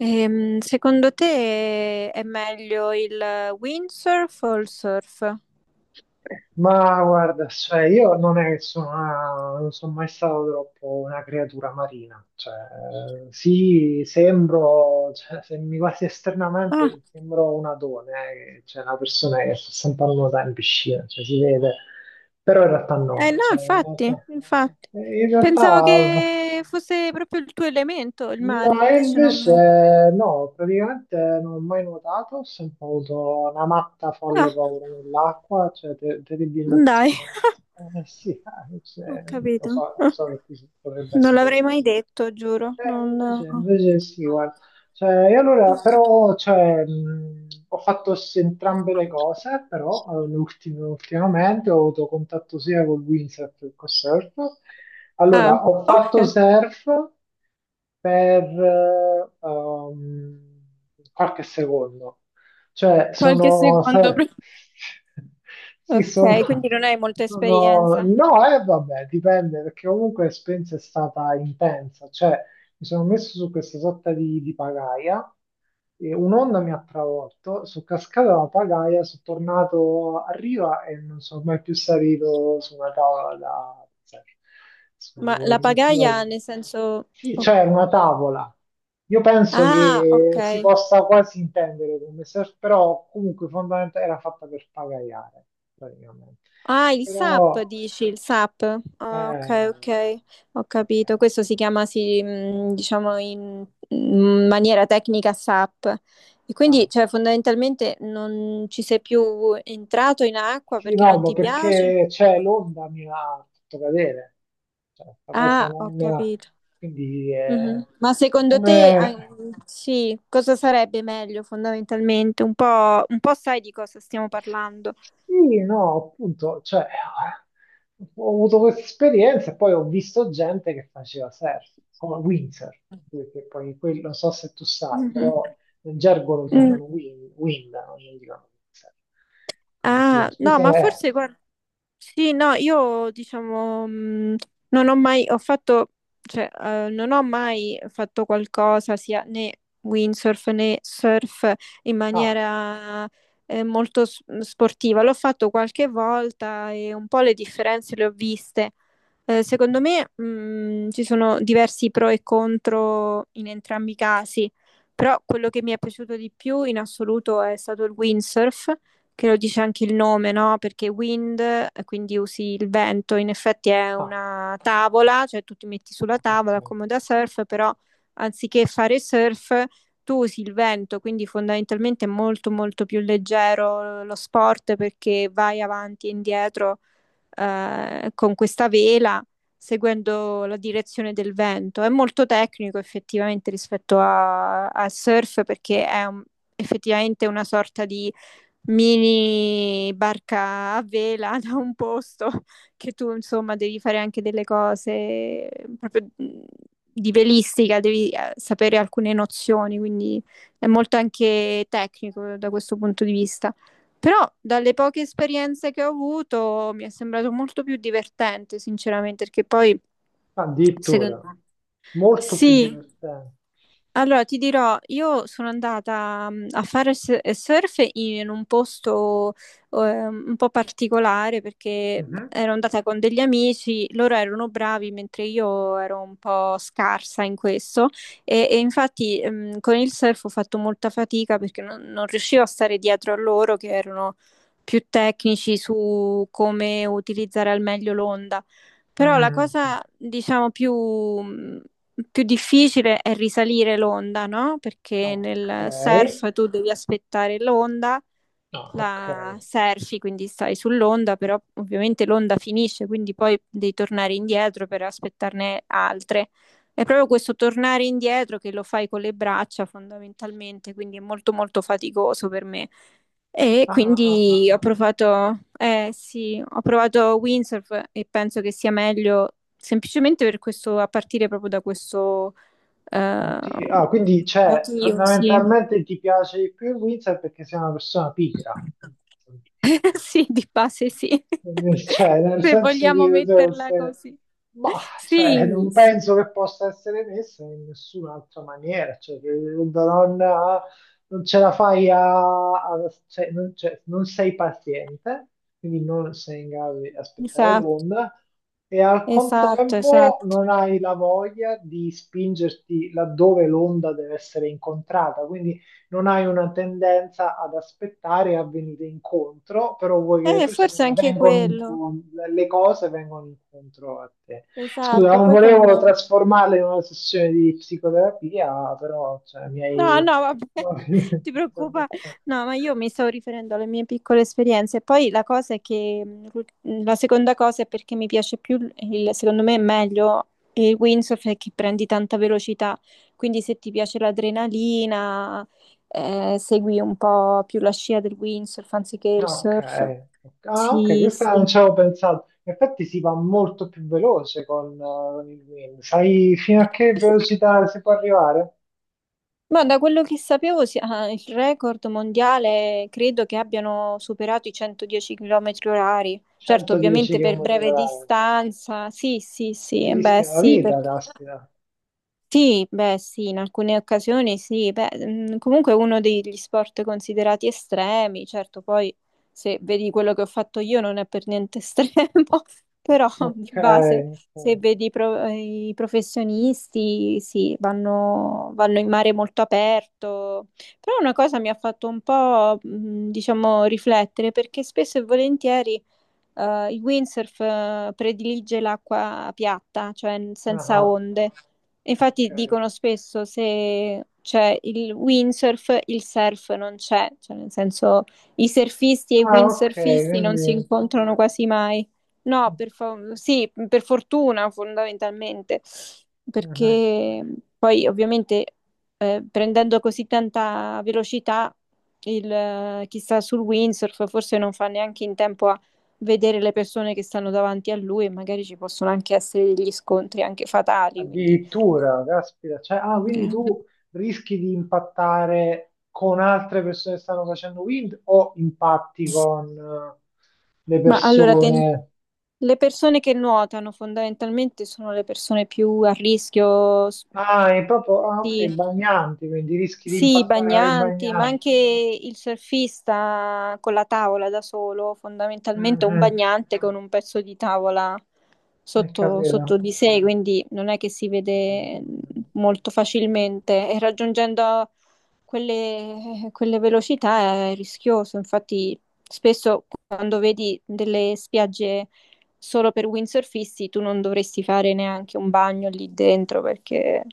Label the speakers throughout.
Speaker 1: Secondo te è meglio il windsurf o il surf?
Speaker 2: Ma guarda, cioè, io non è che sono, non sono mai stato troppo una creatura marina, cioè, sì, sembro, cioè, se mi guardi
Speaker 1: Ah,
Speaker 2: esternamente, sembro un adone, cioè una persona che sta sempre a nuotare in piscina, cioè, si vede, però in realtà
Speaker 1: eh
Speaker 2: no,
Speaker 1: no,
Speaker 2: cioè, in
Speaker 1: infatti,
Speaker 2: realtà,
Speaker 1: infatti.
Speaker 2: eh, in
Speaker 1: Pensavo
Speaker 2: realtà
Speaker 1: che fosse proprio il tuo elemento, il mare,
Speaker 2: No, e
Speaker 1: invece non...
Speaker 2: invece no, praticamente non ho mai nuotato, ho sempre avuto una matta folle
Speaker 1: Ah,
Speaker 2: paura nell'acqua, cioè terribilmente
Speaker 1: dai,
Speaker 2: spaventato. Sì,
Speaker 1: ho
Speaker 2: cioè,
Speaker 1: capito.
Speaker 2: lo
Speaker 1: Ah,
Speaker 2: so che ti potrebbe
Speaker 1: non
Speaker 2: essere
Speaker 1: l'avrei mai
Speaker 2: sorprendente.
Speaker 1: detto, giuro.
Speaker 2: Eh, invece,
Speaker 1: Non...
Speaker 2: invece sì, guarda, cioè, e allora, però, cioè, ho fatto entrambe le cose, però ultimamente ho avuto contatto sia con windsurf che con surf.
Speaker 1: Ah,
Speaker 2: Allora, ho fatto
Speaker 1: ok.
Speaker 2: surf per qualche secondo. Cioè,
Speaker 1: Qualche secondo prima.
Speaker 2: sì,
Speaker 1: Ok, quindi non hai molta esperienza.
Speaker 2: No, vabbè, dipende, perché comunque l'esperienza è stata intensa. Cioè, mi sono messo su questa sorta di pagaia e un'onda mi ha travolto, sono cascato dalla pagaia, sono tornato a riva e non sono mai più salito su una tavola da.
Speaker 1: Ma la
Speaker 2: su-
Speaker 1: pagaia
Speaker 2: su-
Speaker 1: nel senso...
Speaker 2: Sì,
Speaker 1: ok.
Speaker 2: cioè una tavola. Io penso
Speaker 1: Ah, ok.
Speaker 2: che si possa quasi intendere come surf, però comunque fondamentalmente era fatta per pagaiare, praticamente.
Speaker 1: Ah, il SAP
Speaker 2: Però,
Speaker 1: dici, il SAP. Ah,
Speaker 2: eh,
Speaker 1: ok, ok, ho
Speaker 2: ok.
Speaker 1: capito. Questo si chiama, sì, diciamo, in maniera tecnica SAP. E quindi,
Speaker 2: Ah.
Speaker 1: cioè, fondamentalmente non ci sei più entrato in acqua
Speaker 2: Sì,
Speaker 1: perché
Speaker 2: no,
Speaker 1: non
Speaker 2: ma
Speaker 1: ti piace?
Speaker 2: perché c'è l'onda mi ha fatto cadere, cioè, la cosa
Speaker 1: Ah, ho
Speaker 2: non.
Speaker 1: capito.
Speaker 2: Quindi,
Speaker 1: Mhm. Ma secondo te, ah,
Speaker 2: come.
Speaker 1: sì, cosa sarebbe meglio fondamentalmente? Un po' sai di cosa stiamo parlando.
Speaker 2: Sì, no, appunto, cioè, ho avuto questa esperienza e poi ho visto gente che faceva surf, come windsurf, che poi quello, non so se tu sai,
Speaker 1: Mhm.
Speaker 2: però nel gergo lo
Speaker 1: Mm.
Speaker 2: chiamano wind, wind, no? Non gli dicono windsurf. Quindi sì,
Speaker 1: Ah, no,
Speaker 2: scusa,
Speaker 1: ma forse guarda. Sì, no, io diciamo non ho mai, ho fatto, cioè, non ho mai fatto qualcosa sia né windsurf né surf in
Speaker 2: ah,
Speaker 1: maniera molto s- mhmm, sportiva. L'ho fatto qualche volta e un po' le differenze le ho viste. Secondo me, ci sono diversi pro e contro in entrambi i casi, però quello che mi è piaciuto di più in assoluto è stato il windsurf che lo dice anche il nome, no? Perché wind, quindi usi il vento, in effetti è
Speaker 2: ah,
Speaker 1: una tavola, cioè tu ti metti sulla
Speaker 2: ah,
Speaker 1: tavola
Speaker 2: ok.
Speaker 1: come da surf, però anziché fare surf tu usi il vento, quindi fondamentalmente è molto molto più leggero lo sport perché vai avanti e indietro con questa vela seguendo la direzione del vento. È molto tecnico effettivamente rispetto a- al surf perché è un- effettivamente una sorta di mini barca a vela da un posto che tu insomma devi fare anche delle cose mm, proprio di velistica, devi sapere alcune nozioni, quindi è molto anche tecnico da questo punto di vista. Però dalle poche esperienze che ho avuto mi è sembrato molto più divertente, sinceramente, perché poi secondo
Speaker 2: Addirittura.
Speaker 1: me
Speaker 2: Molto più
Speaker 1: sì,
Speaker 2: divertente.
Speaker 1: allora, ti dirò, io sono andata mm, a fare s- surf in un posto un po' particolare perché mhmm,
Speaker 2: Mhm.
Speaker 1: ero andata con degli amici, loro erano bravi mentre io ero un po' scarsa in questo e infatti mm, con il surf ho fatto molta fatica perché non riuscivo a stare dietro a loro che erano più tecnici su come utilizzare al meglio l'onda. Però la
Speaker 2: Mm.
Speaker 1: cosa, diciamo, più, mhmm, più difficile è risalire l'onda, no? Perché
Speaker 2: Ok.
Speaker 1: nel surf tu devi aspettare l'onda
Speaker 2: Ah, ok.
Speaker 1: la surfi, quindi stai sull'onda, però ovviamente l'onda finisce, quindi poi devi tornare indietro per aspettarne altre. È proprio questo tornare indietro che lo fai con le braccia fondamentalmente, quindi è molto molto faticoso per me. E
Speaker 2: Ah, ah, ah, ah,
Speaker 1: quindi ho
Speaker 2: ah.
Speaker 1: provato, eh sì, ho provato windsurf e penso che sia meglio semplicemente per questo, a partire proprio da questo eh,
Speaker 2: Ah, quindi cioè,
Speaker 1: motivo, sì.
Speaker 2: fondamentalmente ti piace di più il Windsor perché sei una persona pigra.
Speaker 1: Sì, di base sì,
Speaker 2: Cioè, nel
Speaker 1: se
Speaker 2: senso di,
Speaker 1: vogliamo
Speaker 2: cioè,
Speaker 1: metterla così.
Speaker 2: ma, cioè,
Speaker 1: Sì,
Speaker 2: non
Speaker 1: sì,
Speaker 2: penso che possa essere messa in nessun'altra maniera. Cioè, che non ce la fai a cioè, non sei paziente, quindi non sei in grado di aspettare
Speaker 1: esatto,
Speaker 2: l'onda e al
Speaker 1: esatto,
Speaker 2: contempo
Speaker 1: esatto.
Speaker 2: non hai la voglia di spingerti laddove l'onda deve essere incontrata. Quindi non hai una tendenza ad aspettare e a venire incontro, però vuoi che le
Speaker 1: Forse
Speaker 2: persone
Speaker 1: anche
Speaker 2: vengano
Speaker 1: quello,
Speaker 2: incontro, le cose vengano incontro a te. Scusa,
Speaker 1: esatto,
Speaker 2: non
Speaker 1: poi con...
Speaker 2: volevo trasformarla in una sessione di psicoterapia, però cioè, mi
Speaker 1: No,
Speaker 2: hai.
Speaker 1: no, vabbè, ti preoccupa. No, ma io mi stavo riferendo alle mie piccole esperienze. Poi la cosa è che la seconda cosa è perché mi piace più, il- secondo me è meglio il windsurf è che prendi tanta velocità. Quindi se ti piace l'adrenalina, segui un po' più la scia del windsurf anziché il
Speaker 2: Ok, ok.
Speaker 1: surf.
Speaker 2: Ah, ok,
Speaker 1: Sì,
Speaker 2: questa non
Speaker 1: sì.
Speaker 2: ci avevo pensato. In effetti si va molto più veloce con il wind. Sai fino a che velocità si può arrivare?
Speaker 1: Ma da quello che sapevo, si- ah, il record mondiale credo che abbiano superato i 110 km orari. Certo, ovviamente per
Speaker 2: 110
Speaker 1: breve
Speaker 2: km/h.
Speaker 1: distanza. Sì, sì, sì,
Speaker 2: Si
Speaker 1: eh beh,
Speaker 2: rischia la
Speaker 1: sì,
Speaker 2: vita,
Speaker 1: perché...
Speaker 2: caspita.
Speaker 1: Sì, beh, sì, in alcune occasioni sì, beh, mm, comunque è uno degli sport considerati estremi, certo, poi se vedi quello che ho fatto io non è per niente estremo, però di
Speaker 2: Ok,
Speaker 1: base se
Speaker 2: ok.
Speaker 1: vedi i pro- i professionisti, sì, vanno, vanno in mare molto aperto, però una cosa mi ha fatto un po', mm, diciamo, riflettere perché spesso e volentieri il windsurf predilige l'acqua piatta, cioè n- senza
Speaker 2: Ah,
Speaker 1: onde. Infatti
Speaker 2: ok.
Speaker 1: dicono spesso se c'è il windsurf, il surf non c'è, cioè nel senso i surfisti e i
Speaker 2: Ah, ok,
Speaker 1: windsurfisti non si
Speaker 2: quindi.
Speaker 1: incontrano quasi mai. No, per fa- sì, per fortuna fondamentalmente,
Speaker 2: Mhm.
Speaker 1: perché poi ovviamente prendendo così tanta velocità, il, chi sta sul windsurf forse non fa neanche in tempo a vedere le persone che stanno davanti a lui e magari ci possono anche essere degli scontri anche fatali, quindi...
Speaker 2: Addirittura, caspita. Cioè, ah,
Speaker 1: Ok.
Speaker 2: quindi tu rischi di impattare con altre persone che stanno facendo wind o impatti con le
Speaker 1: Ma allora, ten-
Speaker 2: persone.
Speaker 1: le persone che nuotano fondamentalmente sono le persone più a rischio s-
Speaker 2: Ah, è proprio. Ah, ok,
Speaker 1: di...
Speaker 2: bagnanti, quindi rischi di
Speaker 1: Sì, i
Speaker 2: impattare con i
Speaker 1: bagnanti, ma anche
Speaker 2: bagnanti.
Speaker 1: il surfista con la tavola da solo, fondamentalmente è un
Speaker 2: Mhm.
Speaker 1: bagnante con un pezzo di tavola
Speaker 2: Ho
Speaker 1: sotto, sotto
Speaker 2: capito.
Speaker 1: di sé, quindi non è che si vede molto facilmente e raggiungendo quelle velocità è rischioso, infatti spesso quando vedi delle spiagge solo per windsurfisti tu non dovresti fare neanche un bagno lì dentro perché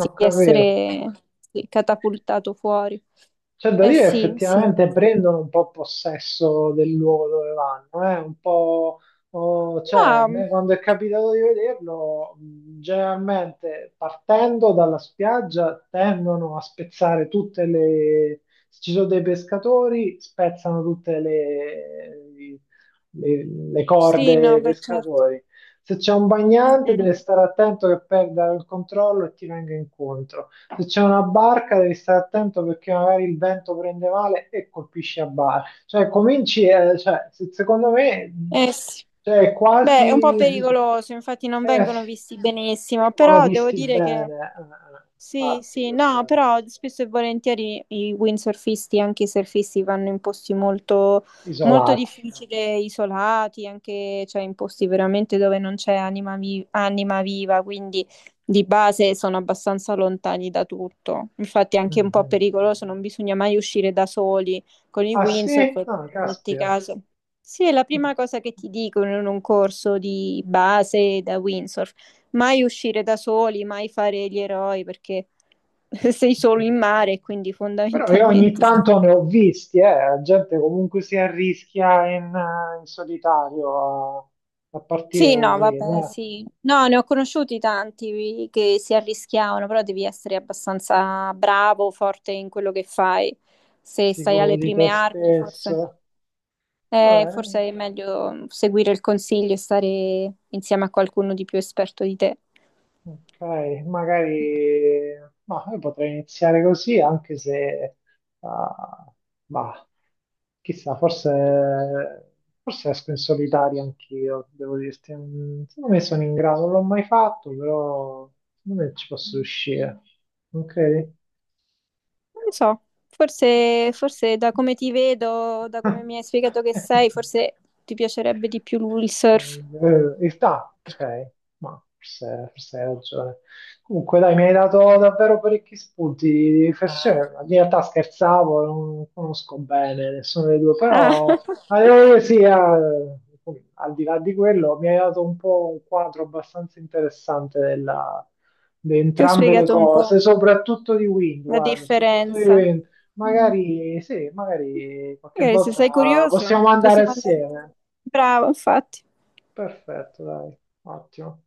Speaker 2: Ho capito.
Speaker 1: essere sì, catapultato fuori.
Speaker 2: C'è da
Speaker 1: Eh
Speaker 2: dire che
Speaker 1: sì, sì.
Speaker 2: effettivamente prendono un po' possesso del luogo dove vanno, eh? Un po', oh, cioè, a
Speaker 1: Ma
Speaker 2: me quando è capitato di vederlo, generalmente partendo dalla spiaggia tendono a spezzare tutte le. Se ci sono dei pescatori, spezzano tutte le
Speaker 1: sì,
Speaker 2: corde
Speaker 1: no,
Speaker 2: dei
Speaker 1: beh certo.
Speaker 2: pescatori. Se c'è un
Speaker 1: Mm,
Speaker 2: bagnante, deve
Speaker 1: mm.
Speaker 2: stare attento che perda il controllo e ti venga incontro. Se c'è una barca devi stare attento perché magari il vento prende male e colpisce a barca. Cioè, cominci, cioè, secondo me,
Speaker 1: Eh sì.
Speaker 2: cioè, è
Speaker 1: Beh, è un po'
Speaker 2: quasi.
Speaker 1: pericoloso, infatti non
Speaker 2: Eh, sì,
Speaker 1: vengono visti benissimo,
Speaker 2: vengono
Speaker 1: però devo
Speaker 2: visti
Speaker 1: dire che
Speaker 2: bene,
Speaker 1: sì,
Speaker 2: infatti,
Speaker 1: sì,
Speaker 2: questo
Speaker 1: no, però spesso e volentieri i windsurfisti, anche i surfisti, vanno in posti molto, molto
Speaker 2: isolati.
Speaker 1: difficili, isolati, anche cioè in posti veramente dove non c'è anima, vi- anima viva, quindi di base sono abbastanza lontani da tutto. Infatti è anche un po'
Speaker 2: Mhm.
Speaker 1: pericoloso, non bisogna mai uscire da soli con i
Speaker 2: Ah
Speaker 1: windsurf,
Speaker 2: sì? Ah,
Speaker 1: perché metti
Speaker 2: caspita.
Speaker 1: caso. Sì, è la prima cosa che ti dicono in un corso di base da windsurf. Mai uscire da soli, mai fare gli eroi perché sei solo in mare, quindi
Speaker 2: Però io ogni
Speaker 1: fondamentalmente...
Speaker 2: tanto ne ho visti, la gente comunque si arrischia in solitario a partire
Speaker 1: Sì,
Speaker 2: con
Speaker 1: no,
Speaker 2: lui,
Speaker 1: vabbè,
Speaker 2: no?
Speaker 1: sì. No, ne ho conosciuti tanti che si arrischiavano, però devi essere abbastanza bravo, forte in quello che fai. Se stai
Speaker 2: Sicuro
Speaker 1: alle
Speaker 2: di te
Speaker 1: prime armi, forse,
Speaker 2: stesso. Eh,
Speaker 1: forse è meglio seguire il consiglio e stare insieme a qualcuno di più esperto di te.
Speaker 2: ok, magari ma io potrei iniziare così, anche se ah, bah, chissà, forse, forse esco in solitaria anch'io, devo dirti. Mm. Secondo me sono in grado, non l'ho mai fatto, però secondo me ci posso riuscire. Non credi?
Speaker 1: Non lo so, forse, forse, da come ti vedo, da come mi hai spiegato che sei, forse ti piacerebbe di più lui il surf.
Speaker 2: In realtà, ok, ma forse, forse hai ragione. Comunque, dai, mi hai dato davvero parecchi spunti di riflessione. In realtà scherzavo, non conosco bene nessuno dei due,
Speaker 1: Ah,
Speaker 2: però sì, al di là di quello, mi hai dato un po' un quadro abbastanza interessante di
Speaker 1: ti ho
Speaker 2: entrambe le
Speaker 1: spiegato un
Speaker 2: cose,
Speaker 1: po'
Speaker 2: soprattutto di Wind,
Speaker 1: la
Speaker 2: guarda, soprattutto di
Speaker 1: differenza.
Speaker 2: Wind.
Speaker 1: Mm.
Speaker 2: Magari sì, magari qualche
Speaker 1: Magari se sei
Speaker 2: volta
Speaker 1: curioso,
Speaker 2: possiamo andare
Speaker 1: possiamo andare.
Speaker 2: assieme.
Speaker 1: Bravo, infatti.
Speaker 2: Perfetto, dai, ottimo.